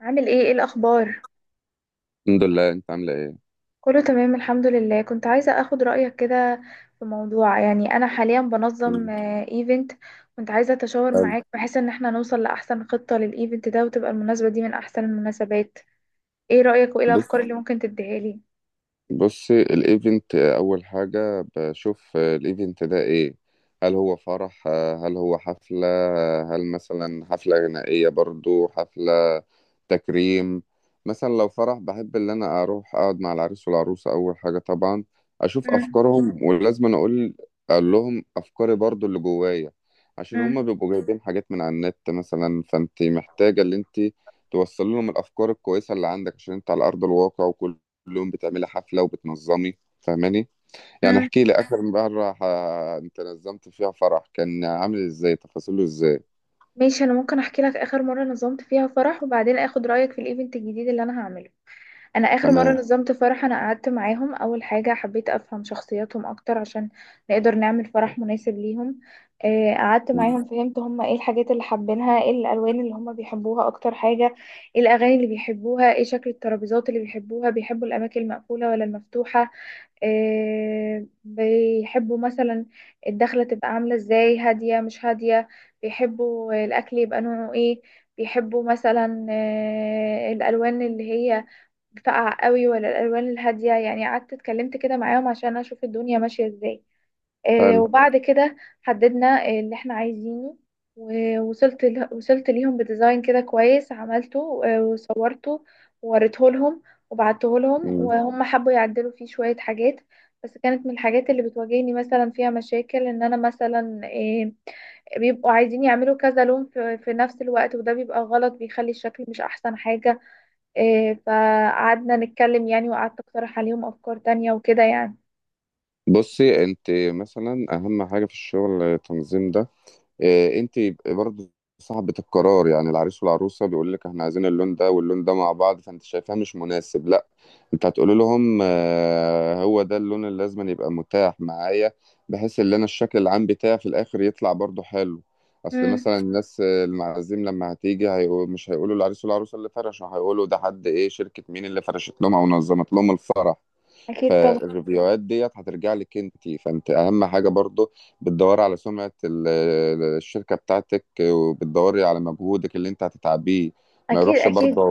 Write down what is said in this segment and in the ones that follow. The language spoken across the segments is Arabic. عامل ايه الاخبار؟ الحمد لله. انت عامله ايه؟ كله تمام، الحمد لله. كنت عايزه اخد رايك كده في موضوع. يعني انا حاليا بنظم مم. ايفنت. كنت عايزه اتشاور حلو. معاك بحيث ان احنا نوصل لاحسن خطه للايفنت ده، وتبقى المناسبه دي من احسن المناسبات. ايه رايك وايه بص الافكار اللي ممكن تديها لي؟ بص، الايفنت اول حاجة بشوف الايفنت ده ايه. هل هو فرح؟ هل هو حفلة؟ هل مثلا حفلة غنائية؟ برضو حفلة تكريم. مثلا لو فرح، بحب ان انا اروح اقعد مع العريس والعروسة اول حاجة طبعا، اشوف مم، افكارهم، ولازم أنا اقول، اقول لهم افكاري برضو اللي جوايا، عشان مم، هما بيبقوا جايبين حاجات من على النت مثلا، فانت محتاجة ان انت توصل لهم الافكار الكويسة اللي عندك، عشان انت على ارض الواقع، وكل يوم بتعملي حفلة وبتنظمي، فاهماني؟ يعني مم. احكي لي آخر مرة انت نظمت فيها فرح، كان عامل ازاي؟ تفاصيله ازاي؟ ماشي، انا ممكن احكي لك اخر مره نظمت فيها فرح، وبعدين اخد رايك في الايفنت الجديد اللي انا هعمله. انا اخر مره تمام. نظمت فرح، انا قعدت معاهم. اول حاجه حبيت افهم شخصياتهم اكتر عشان نقدر نعمل فرح مناسب ليهم. قعدت مم. معاهم، فهمت هم ايه الحاجات اللي حابينها، ايه الالوان اللي هم بيحبوها اكتر حاجه، ايه الاغاني اللي بيحبوها، ايه شكل الترابيزات اللي بيحبوها، بيحبوا الاماكن المقفوله ولا المفتوحه. بيحبوا مثلا الدخله تبقى عامله ازاي، هاديه مش هاديه، بيحبوا الاكل يبقى نوعه ايه، بيحبوا مثلا الالوان اللي هي فقع قوي ولا الالوان الهاديه. يعني قعدت اتكلمت كده معاهم عشان اشوف الدنيا ماشيه ازاي. حلو. وبعد كده حددنا اللي احنا عايزينه، ووصلت وصلت ليهم بديزاين كده كويس عملته وصورته ووريته لهم وبعته لهم، مم. وهم حبوا يعدلوا فيه شويه حاجات. بس كانت من الحاجات اللي بتواجهني مثلا فيها مشاكل ان انا مثلا بيبقوا عايزين يعملوا كذا لون في في نفس الوقت، وده بيبقى غلط، بيخلي الشكل مش احسن حاجه. إيه، فقعدنا نتكلم يعني، وقعدت اقترح عليهم افكار تانية وكده يعني. بصي انت، مثلا اهم حاجة في الشغل التنظيم ده. انت برضو صاحبة القرار، يعني العريس والعروسة بيقول لك احنا عايزين اللون ده واللون ده مع بعض، فانت شايفاه مش مناسب، لا، انت هتقول لهم هو ده اللون اللي لازم أن يبقى متاح معايا، بحيث ان انا الشكل العام بتاعي في الاخر يطلع برضو حلو. اصل امم مثلا الناس المعازيم لما هتيجي هيقول، مش هيقولوا العريس والعروسة اللي فرشوا، هيقولوا ده حد ايه، شركة مين اللي فرشت لهم او نظمت لهم الفرح. اكيد طبعا. فالريفيوهات ديت هترجع لك انت، فانت اهم حاجه برضو بتدوري على سمعه الشركه بتاعتك، وبتدوري على مجهودك اللي انت هتتعبيه. ما اكيد يروحش اكيد. برضه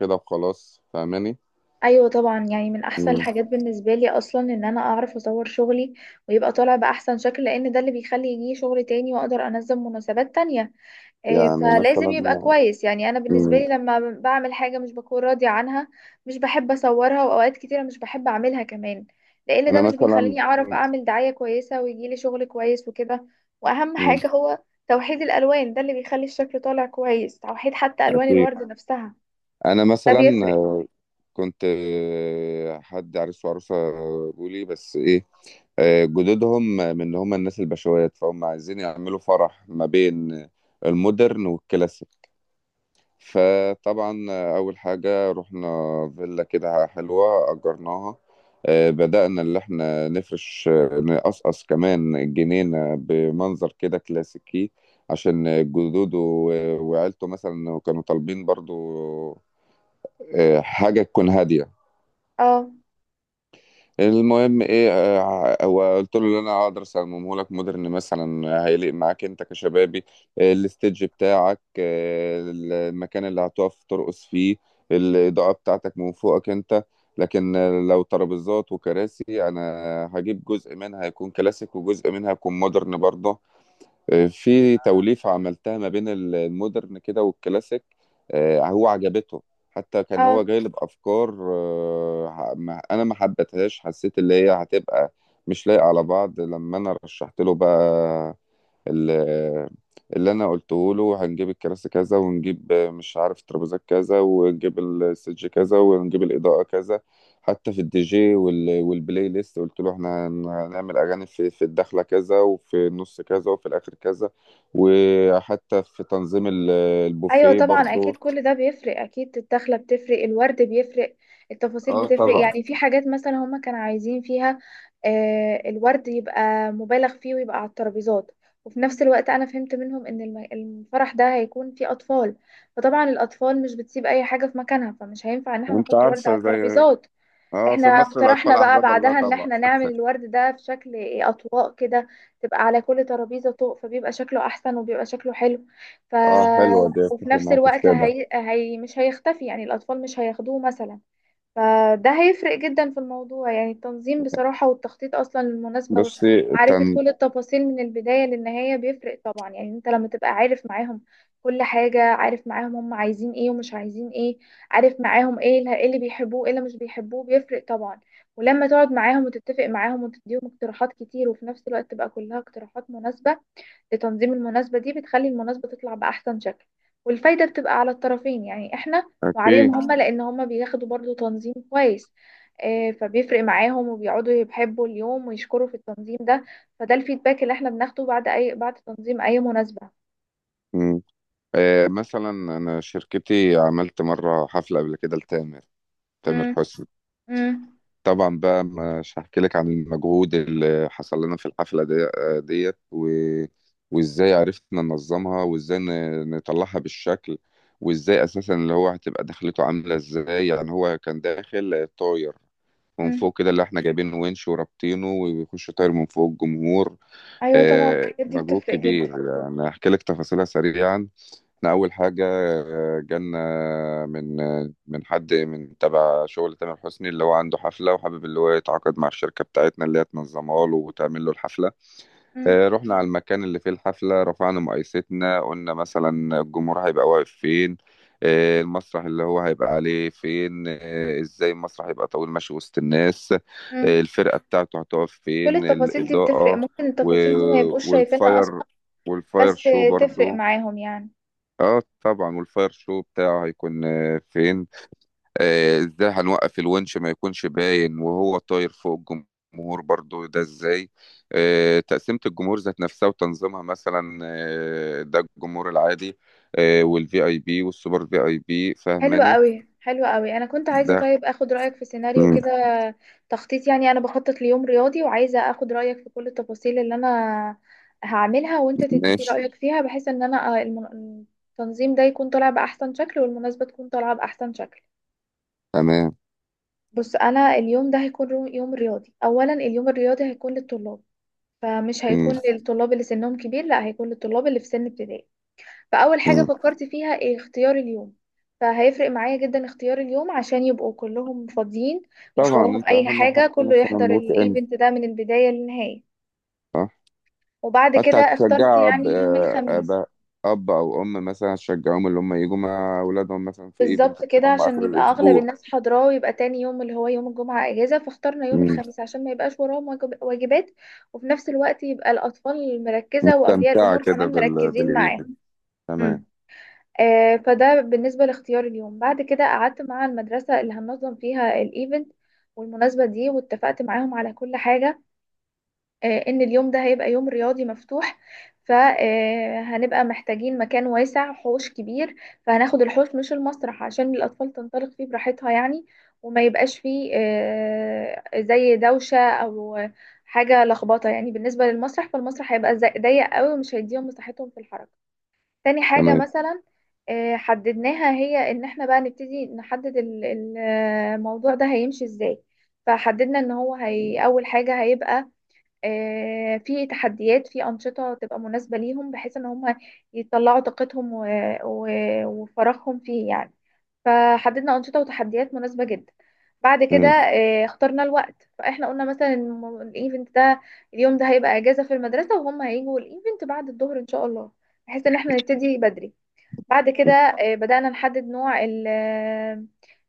كده وخلاص، فاهماني؟ ايوه طبعا، يعني من احسن مم. الحاجات بالنسبه لي اصلا ان انا اعرف اصور شغلي ويبقى طالع باحسن شكل، لان ده اللي بيخلي يجي شغل تاني واقدر انظم مناسبات تانية. إيه، يعني فلازم مثلا، يبقى كويس. يعني انا بالنسبه مم، لي لما بعمل حاجه مش بكون راضيه عنها، مش بحب اصورها، واوقات كتيره مش بحب اعملها كمان، لان ده انا مش مثلا، بيخليني اعرف اعمل دعايه كويسه ويجيلي شغل كويس وكده. واهم مم، حاجه هو توحيد الالوان، ده اللي بيخلي الشكل طالع كويس، توحيد حتى الوان اكيد. الورد نفسها، انا ده مثلا بيفرق. كنت حد عريس وعروسة بيقولي، بس إيه، جدودهم من اللي هم الناس البشوات، فهم عايزين يعملوا فرح ما بين المودرن والكلاسيك. فطبعا أول حاجة رحنا فيلا كده حلوة أجرناها، بدأنا اللي احنا نفرش، نقصقص كمان الجنينة بمنظر كده كلاسيكي، عشان جدوده وعيلته مثلا كانوا طالبين برضو حاجة تكون هادية. اه، المهم ايه، هو قلت له اللي انا هقدر اصممه لك مودرن، مثلا هيليق معاك انت كشبابي. الستيج بتاعك، المكان اللي هتقف ترقص فيه، الاضاءه بتاعتك من فوقك انت، لكن لو ترابيزات وكراسي، انا هجيب جزء منها يكون كلاسيك، وجزء منها يكون مودرن برضه، في توليفة عملتها ما بين المودرن كده والكلاسيك. هو عجبته. حتى كان هو اه. جايلب أفكار أنا ما حبيتهاش، حسيت اللي هي هتبقى مش لايقة على بعض. لما أنا رشحت له بقى، ال- اللي انا قلته له هنجيب الكراسي كذا، ونجيب مش عارف ترابيزات كذا، ونجيب السج كذا، ونجيب الاضاءه كذا. حتى في الدي جي والبلاي ليست، قلت له احنا هنعمل اغاني في الدخله كذا، وفي النص كذا، وفي الاخر كذا. وحتى في تنظيم ايوه البوفيه طبعا، برضو. اكيد كل ده بيفرق. اكيد الدخله بتفرق، الورد بيفرق، التفاصيل اه بتفرق. طبعا. يعني في حاجات مثلا هما كانوا عايزين فيها الورد يبقى مبالغ فيه ويبقى على الترابيزات، وفي نفس الوقت انا فهمت منهم ان الفرح ده هيكون فيه اطفال، فطبعا الاطفال مش بتسيب اي حاجه في مكانها، فمش هينفع ان احنا وانت نحط ورد على عارفه، زي الترابيزات. اه في احنا مصر اقترحنا الاطفال بقى احباب الله بعدها ان طبعا. احنا نعمل الورد ده في شكل اطواق كده، تبقى على كل ترابيزة طوق، فبيبقى شكله احسن وبيبقى شكله حلو. ف اه حلوه دي، وفي اتفق نفس معاك في الوقت كده. هي مش هيختفي، يعني الاطفال مش هياخدوه مثلا، فده هيفرق جدا في الموضوع. يعني التنظيم بصراحة والتخطيط أصلا للمناسبة بصي ومعرفة التن... كل التفاصيل من البداية للنهاية بيفرق طبعا. يعني انت لما تبقى عارف معاهم كل حاجة، عارف معاهم هم عايزين ايه ومش عايزين ايه، عارف معاهم ايه اللي إيه اللي بيحبوه، ايه اللي مش بيحبوه، بيفرق طبعا. ولما تقعد معاهم وتتفق معاهم وتديهم اقتراحات كتير، وفي نفس الوقت تبقى كلها اقتراحات مناسبة لتنظيم المناسبة دي، بتخلي المناسبة تطلع بأحسن شكل. والفايدة بتبقى على الطرفين، يعني احنا وعليهم اكيد. هما، لأن هما بياخدوا برضو تنظيم كويس. فبيفرق معاهم وبيقعدوا يحبوا اليوم ويشكروا في التنظيم ده. فده الفيدباك اللي احنا بناخده بعد أي بعد تنظيم أي مناسبة. مثلا انا شركتي عملت مره حفله قبل كده لتامر، تامر مم. حسني. مم. طبعا بقى مش هحكي لك عن المجهود اللي حصل لنا في الحفله دي وازاي عرفنا ننظمها، وازاي نطلعها بالشكل، وازاي اساسا اللي هو هتبقى دخلته عامله ازاي، يعني هو كان داخل طاير من مم. فوق كده، اللي احنا جايبين ونش ورابطينه ويخش طاير من فوق الجمهور. أيوة طبعا، الحاجات دي مجهود بتفرق جدا. كبير يعني. هحكي لك تفاصيلها سريعا. احنا اول حاجه جالنا من من حد من تبع شغل تامر حسني، اللي هو عنده حفله، وحابب اللي هو يتعاقد مع الشركه بتاعتنا، اللي هي تنظمها له وتعمل له الحفله. مم. رحنا على المكان اللي فيه الحفله، رفعنا مقايستنا، قلنا مثلا الجمهور هيبقى واقف فين، المسرح اللي هو هيبقى عليه فين، ازاي المسرح هيبقى طويل ماشي وسط الناس، مم. الفرقه بتاعته هتقف كل فين، التفاصيل دي بتفرق، الاضاءه ممكن التفاصيل دي ما يبقوش شايفينها والفاير، أصلا، والفاير بس شو تفرق برضو. معاهم يعني. اه طبعا، والفاير شو بتاعه هيكون فين، ازاي هنوقف الونش ما يكونش باين وهو طاير فوق الجمهور برضو، ده ازاي. تقسيمة الجمهور ذات نفسها وتنظيمها، مثلا ده الجمهور العادي، والفي اي بي والسوبر في اي بي، حلوة فاهماني؟ قوي، حلوة قوي. انا كنت عايزة ده طيب اخد رأيك في سيناريو مم، كده، تخطيط يعني. انا بخطط ليوم رياضي، وعايزة اخد رأيك في كل التفاصيل اللي انا هعملها، وانت تديني ماشي. رأيك فيها، بحيث ان انا التنظيم ده يكون طالع بأحسن شكل، والمناسبة تكون طالعة بأحسن شكل. تمام. بص، انا اليوم ده هيكون يوم رياضي. اولا اليوم الرياضي هيكون للطلاب، فمش مم. هيكون للطلاب اللي سنهم كبير، لا، هيكون للطلاب اللي في سن ابتدائي. فأول حاجة مم. فكرت فيها إيه؟ اختيار اليوم. فهيفرق معايا جدا اختيار اليوم، عشان يبقوا كلهم فاضيين، مش طبعا، وراهم انت أي اهم حاجة حاجة، كله مثلا يحضر نوت ان الايفنت ده من البداية للنهاية. وبعد كده حتى اخترت هتشجع يعني يوم الخميس، أب أب أو أم، مثلا هتشجعهم اللي هم يجوا مع أولادهم مثلا في إيفنت، بالظبط اللي كده هم عشان آخر يبقى أغلب الأسبوع. الناس حاضراه، ويبقى تاني يوم اللي هو يوم الجمعة أجازة، فاخترنا يوم مم. الخميس عشان ما يبقاش وراهم واجبات، وفي نفس الوقت يبقى الأطفال مركزة وأولياء استمتع الأمور كده كمان مركزين معاه. بالإيفنت. تمام. فده بالنسبة لاختيار اليوم. بعد كده قعدت مع المدرسة اللي هننظم فيها الايفنت والمناسبة دي، واتفقت معاهم على كل حاجة، ان اليوم ده هيبقى يوم رياضي مفتوح. فهنبقى محتاجين مكان واسع، حوش كبير، فهناخد الحوش مش المسرح عشان الأطفال تنطلق فيه براحتها يعني، وما يبقاش فيه زي دوشة أو حاجة لخبطة يعني. بالنسبة للمسرح، فالمسرح هيبقى ضيق قوي ومش هيديهم مساحتهم في الحركة. تاني حاجة تمام. مثلا حددناها، هي ان احنا بقى نبتدي نحدد الموضوع ده هيمشي ازاي. فحددنا ان هي اول حاجة هيبقى في تحديات، في أنشطة تبقى مناسبة ليهم، بحيث ان هم يطلعوا طاقتهم وفراغهم فيه يعني. فحددنا أنشطة وتحديات مناسبة جدا. بعد كده مم. اخترنا الوقت. فاحنا قلنا مثلا الايفنت ده، اليوم ده هيبقى اجازة في المدرسة، وهم هيجوا الايفنت بعد الظهر ان شاء الله، بحيث ان احنا نبتدي بدري. بعد كده بدأنا نحدد نوع ال- آه،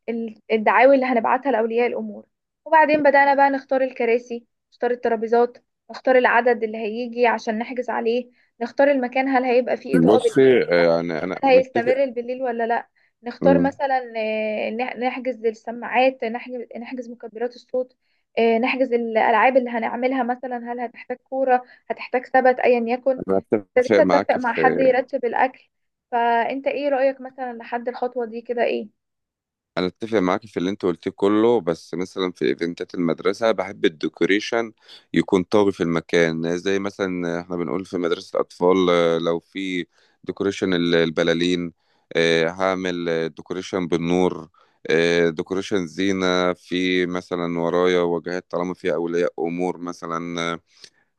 ال- الدعاوي اللي هنبعتها لأولياء الأمور. وبعدين بدأنا بقى نختار الكراسي، نختار الترابيزات، نختار العدد اللي هيجي عشان نحجز عليه، نختار المكان، هل هيبقى فيه إضاءة بالليل بصي، ولا، يعني أنا هل متفق. هيستمر بالليل ولا لا، نختار مم. مثلا نحجز السماعات، نحجز مكبرات الصوت، نحجز الألعاب اللي هنعملها، مثلا هل هتحتاج كورة، هتحتاج ثبت، أيا يكن. أنا متفق ابتديت اتفق معاك مع في، حد يرتب الاكل. فانت ايه رأيك مثلا لحد الخطوة دي كده، ايه؟ انا اتفق معاك في اللي انت قلتيه كله، بس مثلا في ايفنتات المدرسه بحب الديكوريشن يكون طاغي في المكان، زي مثلا احنا بنقول في مدرسه الاطفال لو في ديكوريشن البلالين، هعمل ديكوريشن بالنور، ديكوريشن زينه في، مثلا ورايا واجهات طالما فيها اولياء امور، مثلا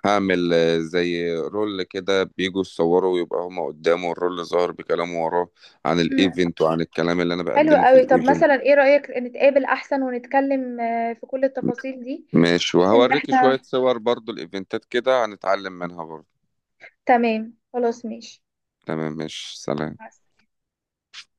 هعمل زي رول كده بيجوا يصوروا، ويبقى هما قدامه الرول ظاهر بكلامه وراه عن مم. الايفنت وعن الكلام اللي انا حلو بقدمه في قوي. طب الايفنت. مثلا ايه رأيك نتقابل احسن ونتكلم في كل التفاصيل دي، ماشي، بحيث ان وهوريكي احنا؟ شوية صور برضو الإيفنتات كده، هنتعلم منها برضو. تمام، خلاص ماشي. تمام، ماشي، سلام. مع السلامة.